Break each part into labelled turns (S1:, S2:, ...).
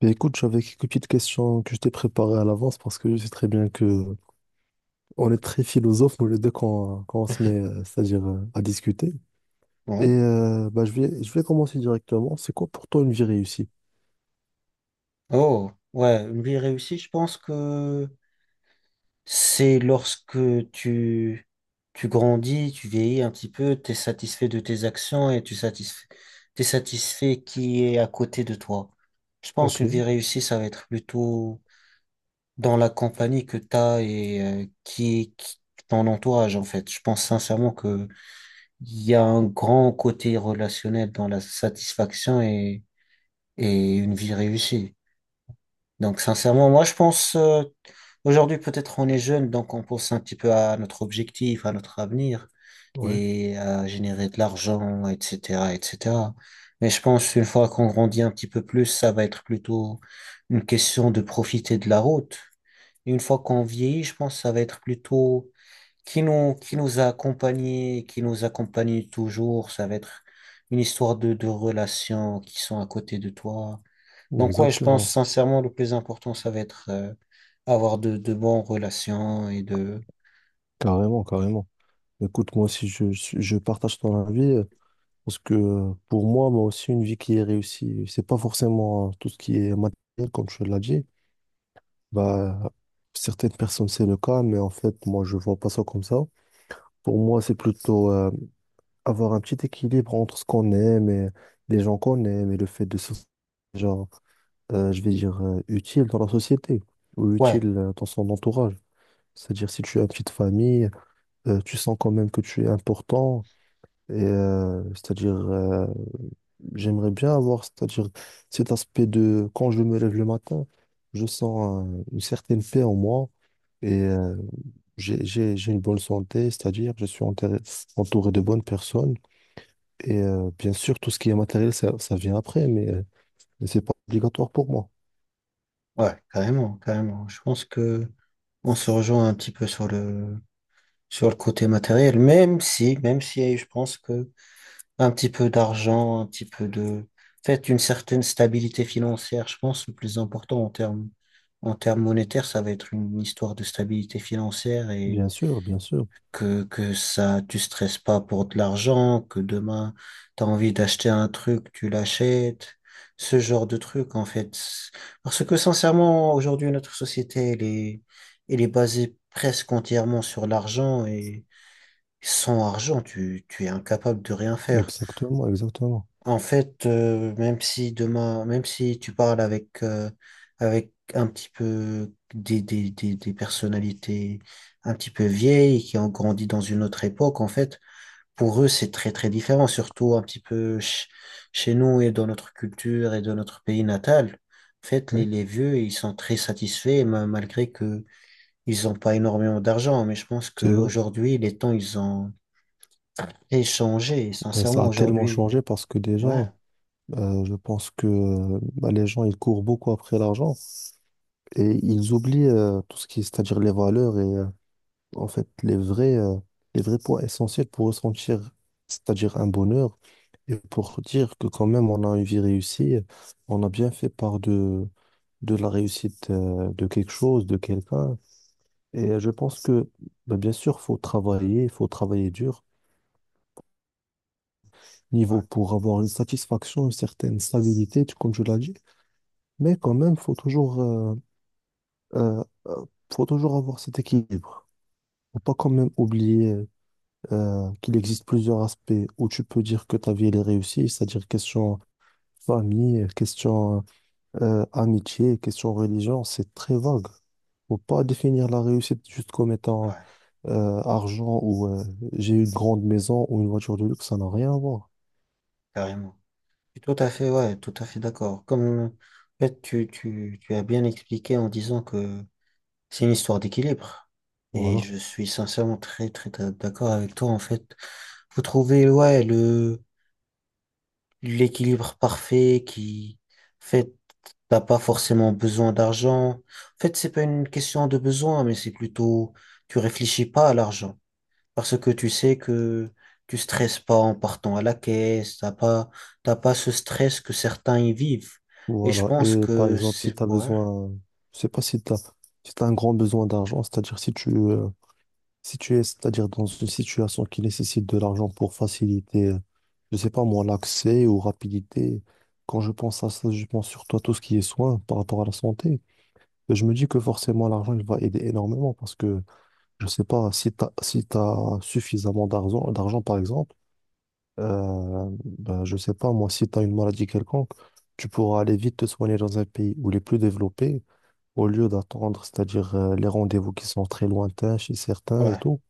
S1: Mais écoute, j'avais quelques petites questions que je t'ai préparées à l'avance parce que je sais très bien que on est très philosophes, nous les deux, quand on se met, c'est-à-dire à discuter. Et
S2: Ouais.
S1: bah, je vais commencer directement. C'est quoi pour toi une vie réussie?
S2: Oh, ouais, une vie réussie, je pense que c'est lorsque tu, tu grandis, tu vieillis un petit peu, tu es satisfait de tes actions et t'es satisfait qui est à côté de toi. Je pense
S1: Ok,
S2: une vie réussie, ça va être plutôt dans la compagnie que tu as et qui ton entourage, en fait. Je pense sincèrement que il y a un grand côté relationnel dans la satisfaction et une vie réussie. Donc, sincèrement, moi, je pense, aujourd'hui, peut-être on est jeune, donc on pense un petit peu à notre objectif, à notre avenir
S1: ouais,
S2: et à générer de l'argent, etc., etc. Mais je pense, une fois qu'on grandit un petit peu plus, ça va être plutôt une question de profiter de la route. Et une fois qu'on vieillit, je pense, ça va être plutôt qui nous a accompagnés, qui nous accompagne toujours. Ça va être une histoire de relations qui sont à côté de toi donc, ouais, je pense
S1: exactement.
S2: sincèrement le plus important, ça va être avoir de bonnes relations et de...
S1: Carrément, carrément. Écoute, moi aussi, je partage ton avis parce que pour moi, moi aussi, une vie qui est réussie, c'est pas forcément tout ce qui est matériel, comme tu l'as dit. Bah, certaines personnes, c'est le cas, mais en fait, moi, je vois pas ça comme ça. Pour moi, c'est plutôt avoir un petit équilibre entre ce qu'on aime et les gens qu'on aime et le fait de se sentir, genre, je vais dire, utile dans la société ou
S2: Ouais,
S1: utile dans son entourage. C'est-à-dire, si tu as une petite famille, tu sens quand même que tu es important. Et j'aimerais bien avoir, c'est-à-dire cet aspect de quand je me lève le matin, je sens une certaine paix en moi et j'ai une bonne santé, c'est-à-dire entouré de bonnes personnes et bien sûr tout ce qui est matériel, ça vient après, mais mais c'est pas obligatoire pour moi.
S2: ouais, carrément, carrément. Je pense que on se rejoint un petit peu sur sur le côté matériel, même si je pense que un petit peu d'argent, un petit peu de... En fait, une certaine stabilité financière, je pense, le plus important en en termes monétaires, ça va être une histoire de stabilité financière et
S1: Bien sûr, bien sûr.
S2: que ça, tu stresses pas pour de l'argent, que demain, tu as envie d'acheter un truc, tu l'achètes, ce genre de truc, en fait. Parce que sincèrement, aujourd'hui, notre société, elle est basée presque entièrement sur l'argent et sans argent, tu es incapable de rien faire.
S1: Exactement, exactement.
S2: En fait, même si demain, même si tu parles avec, avec un petit peu des personnalités un petit peu vieilles qui ont grandi dans une autre époque, en fait, pour eux, c'est très très différent, surtout un petit peu chez nous et dans notre culture et dans notre pays natal. En fait,
S1: Oui,
S2: les vieux, ils sont très satisfaits, malgré que ils n'ont pas énormément d'argent. Mais je pense
S1: c'est vrai.
S2: qu'aujourd'hui, les temps, ils ont échangé.
S1: Ben, ça
S2: Sincèrement,
S1: a tellement
S2: aujourd'hui,
S1: changé parce que déjà,
S2: ouais,
S1: je pense que ben, les gens, ils courent beaucoup après l'argent. Et ils oublient tout ce qui est, c'est-à-dire les valeurs et en fait les vrais points essentiels pour ressentir, c'est-à-dire un bonheur et pour dire que quand même on a une vie réussie, on a bien fait part de la réussite de quelque chose, de quelqu'un. Et je pense que bah, bien sûr, il faut travailler dur, niveau pour avoir une satisfaction, une certaine stabilité, comme je l'ai dit, mais quand même, euh, euh, faut toujours avoir cet équilibre. Faut pas quand même oublier qu'il existe plusieurs aspects où tu peux dire que ta vie elle est réussie, c'est-à-dire question famille, question amitié, question religion, c'est très vague. Faut pas définir la réussite juste comme étant
S2: ouais,
S1: argent ou j'ai une grande maison ou une voiture de luxe, ça n'a rien à voir.
S2: carrément. Je suis tout à fait, ouais, tout à fait d'accord. Comme en fait, tu as bien expliqué en disant que c'est une histoire d'équilibre. Et
S1: Voilà.
S2: je suis sincèrement très, très d'accord avec toi, en fait. Faut trouver, ouais, l'équilibre parfait qui, en fait, t'as pas forcément besoin d'argent. En fait, c'est pas une question de besoin, mais c'est plutôt, tu réfléchis pas à l'argent. Parce que tu sais que tu stresses pas en partant à la caisse, t'as pas ce stress que certains y vivent. Et je
S1: Voilà.
S2: pense
S1: Et par
S2: que
S1: exemple, si
S2: c'est,
S1: tu as
S2: ouais,
S1: besoin, je sais pas si tu as, si t'as un grand besoin d'argent, c'est-à-dire si tu es, c'est-à-dire dans une situation qui nécessite de l'argent pour faciliter je sais pas moi, l'accès ou rapidité. Quand je pense à ça, je pense surtout à tout ce qui est soin par rapport à la santé. Et je me dis que forcément, l'argent, il va aider énormément parce que, je sais pas, si t'as suffisamment d'argent, par exemple, euh, ben, je sais pas moi, si t'as une maladie quelconque, tu pourras aller vite te soigner dans un pays où il est plus développé au lieu d'attendre, c'est-à-dire les rendez-vous qui sont très lointains chez certains et
S2: ouais.
S1: tout.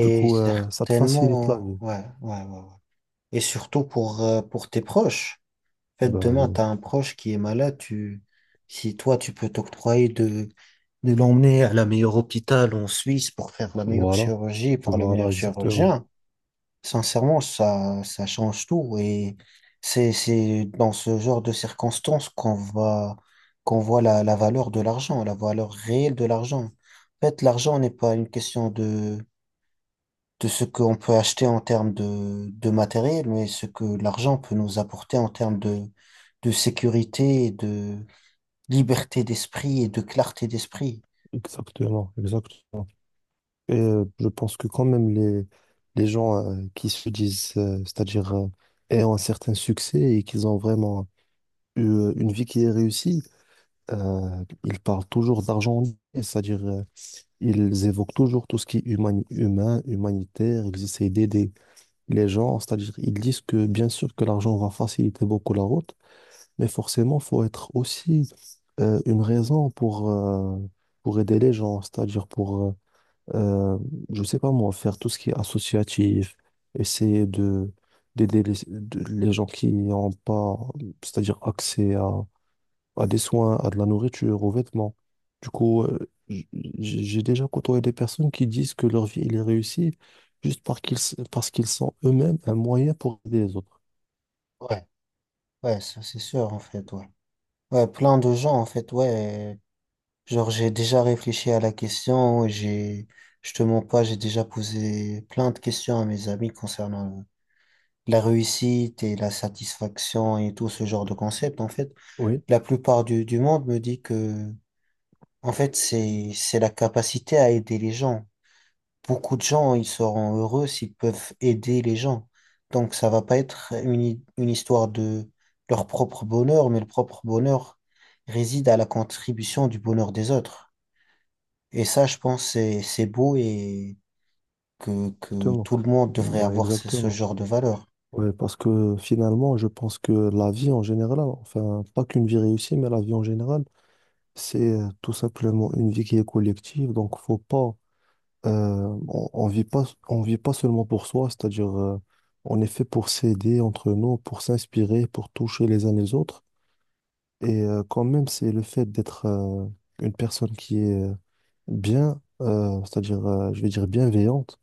S1: Du coup, ça te facilite la
S2: certainement,
S1: vie.
S2: ouais, ouais, ouais. Ouais. Et surtout pour tes proches. En fait, demain, tu
S1: Ben,
S2: as un proche qui est malade, tu, si toi, tu peux t'octroyer de l'emmener à la meilleure hôpital en Suisse pour faire la meilleure
S1: voilà.
S2: chirurgie par le
S1: Voilà,
S2: meilleur
S1: exactement.
S2: chirurgien, sincèrement, ça change tout. Et c'est dans ce genre de circonstances qu'on va, qu'on voit la valeur de l'argent, la valeur réelle de l'argent. En fait, l'argent n'est pas une question de ce qu'on peut acheter en termes de matériel, mais ce que l'argent peut nous apporter en termes de sécurité et de liberté d'esprit et de clarté d'esprit.
S1: Exactement, exactement. Et je pense que quand même les gens qui se disent, c'est-à-dire ayant un certain succès et qu'ils ont vraiment eu une vie qui est réussie, ils parlent toujours d'argent, et c'est-à-dire ils évoquent toujours tout ce qui est humain, humanitaire, ils essayent d'aider les gens, c'est-à-dire ils disent que bien sûr que l'argent va faciliter beaucoup la route, mais forcément, faut être aussi une raison pour aider les gens, euh, je sais pas moi, faire tout ce qui est associatif, essayer de d'aider les gens qui n'ont pas, c'est-à-dire accès à des soins, à de la nourriture, aux vêtements. Du coup, j'ai déjà côtoyé des personnes qui disent que leur vie, elle est réussie juste parce parce qu'ils sont eux-mêmes un moyen pour aider les autres.
S2: Ouais, ouais, ça c'est sûr en fait, ouais. Ouais, plein de gens en fait, ouais. Genre j'ai déjà réfléchi à la question, je te mens pas, j'ai déjà posé plein de questions à mes amis concernant la réussite et la satisfaction et tout ce genre de concept en fait.
S1: Oui,
S2: La plupart du monde me dit que En fait, c'est la capacité à aider les gens. Beaucoup de gens, ils seront heureux s'ils peuvent aider les gens. Donc, ça va pas être une histoire de leur propre bonheur, mais le propre bonheur réside à la contribution du bonheur des autres. Et ça, je pense, c'est beau et que
S1: exactement.
S2: tout le monde devrait
S1: Ouais,
S2: avoir ce
S1: exactement.
S2: genre de valeur.
S1: Ouais, parce que finalement, je pense que la vie en général, enfin, pas qu'une vie réussie, mais la vie en général, c'est tout simplement une vie qui est collective, donc faut pas, on vit pas seulement pour soi, c'est-à-dire on est fait pour s'aider entre nous, pour s'inspirer, pour toucher les uns les autres. Et quand même, c'est le fait d'être une personne qui est je vais dire bienveillante.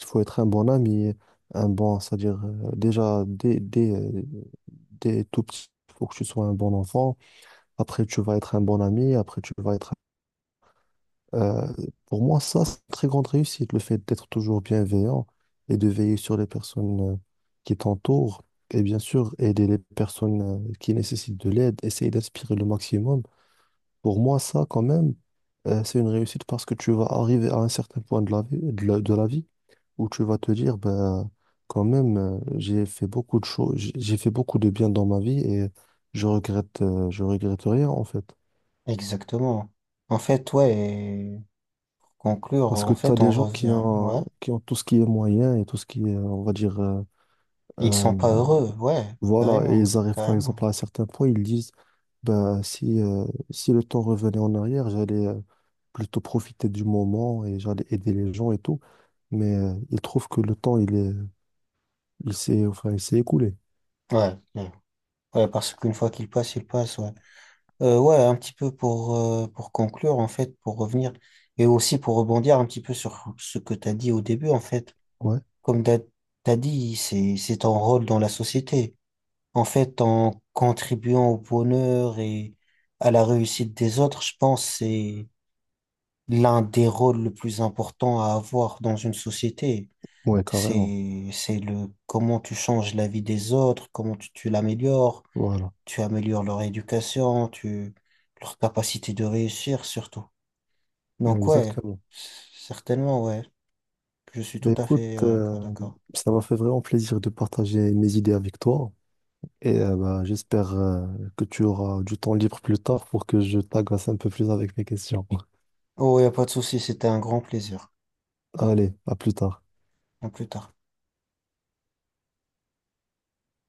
S1: Il faut être un bon ami, un bon, c'est-à-dire déjà dès tout petit, il faut que tu sois un bon enfant. Après, tu vas être un bon ami. Après, tu vas être Euh, pour moi, ça, c'est une très grande réussite, le fait d'être toujours bienveillant et de veiller sur les personnes qui t'entourent et bien sûr aider les personnes qui nécessitent de l'aide, essayer d'inspirer le maximum. Pour moi, ça, quand même, c'est une réussite parce que tu vas arriver à un certain point de la vie, de la vie où tu vas te dire, ben, quand même, j'ai fait beaucoup de choses, j'ai fait beaucoup de bien dans ma vie et je regrette rien en fait.
S2: Exactement. En fait, ouais, et pour conclure,
S1: Parce que
S2: en
S1: tu as
S2: fait, on
S1: des gens
S2: revient, ouais.
S1: qui ont tout ce qui est moyen et tout ce qui est, on va dire,
S2: Ils
S1: euh,
S2: sont pas heureux, ouais,
S1: voilà, et
S2: carrément,
S1: ils arrivent par exemple
S2: carrément.
S1: à un certain point, ils disent, ben, si le temps revenait en arrière, j'allais plutôt profiter du moment et j'allais aider les gens et tout. Mais ils trouvent que le temps, il est, il s'est, enfin, il s'est écoulé.
S2: Ouais. Ouais. Ouais, parce qu'une fois qu'il passe, il passe, ouais. Ouais, un petit peu pour conclure, en fait, pour revenir, et aussi pour rebondir un petit peu sur ce que tu as dit au début, en fait.
S1: Ouais,
S2: Comme tu as dit, c'est ton rôle dans la société. En fait, en contribuant au bonheur et à la réussite des autres, je pense que c'est l'un des rôles le plus important à avoir dans une société.
S1: ouais, carrément.
S2: C'est le comment tu changes la vie des autres, comment tu l'améliores
S1: Voilà,
S2: tu améliores leur éducation, tu, leur capacité de réussir surtout. Donc ouais,
S1: exactement.
S2: c- certainement ouais, je suis
S1: Ben,
S2: tout à
S1: écoute,
S2: fait ouais, d'accord.
S1: ça m'a fait vraiment plaisir de partager mes idées avec toi. Et bah, j'espère que tu auras du temps libre plus tard pour que je t'agace un peu plus avec mes questions.
S2: Oh, y a pas de souci, c'était un grand plaisir.
S1: Allez, à plus tard.
S2: À plus tard.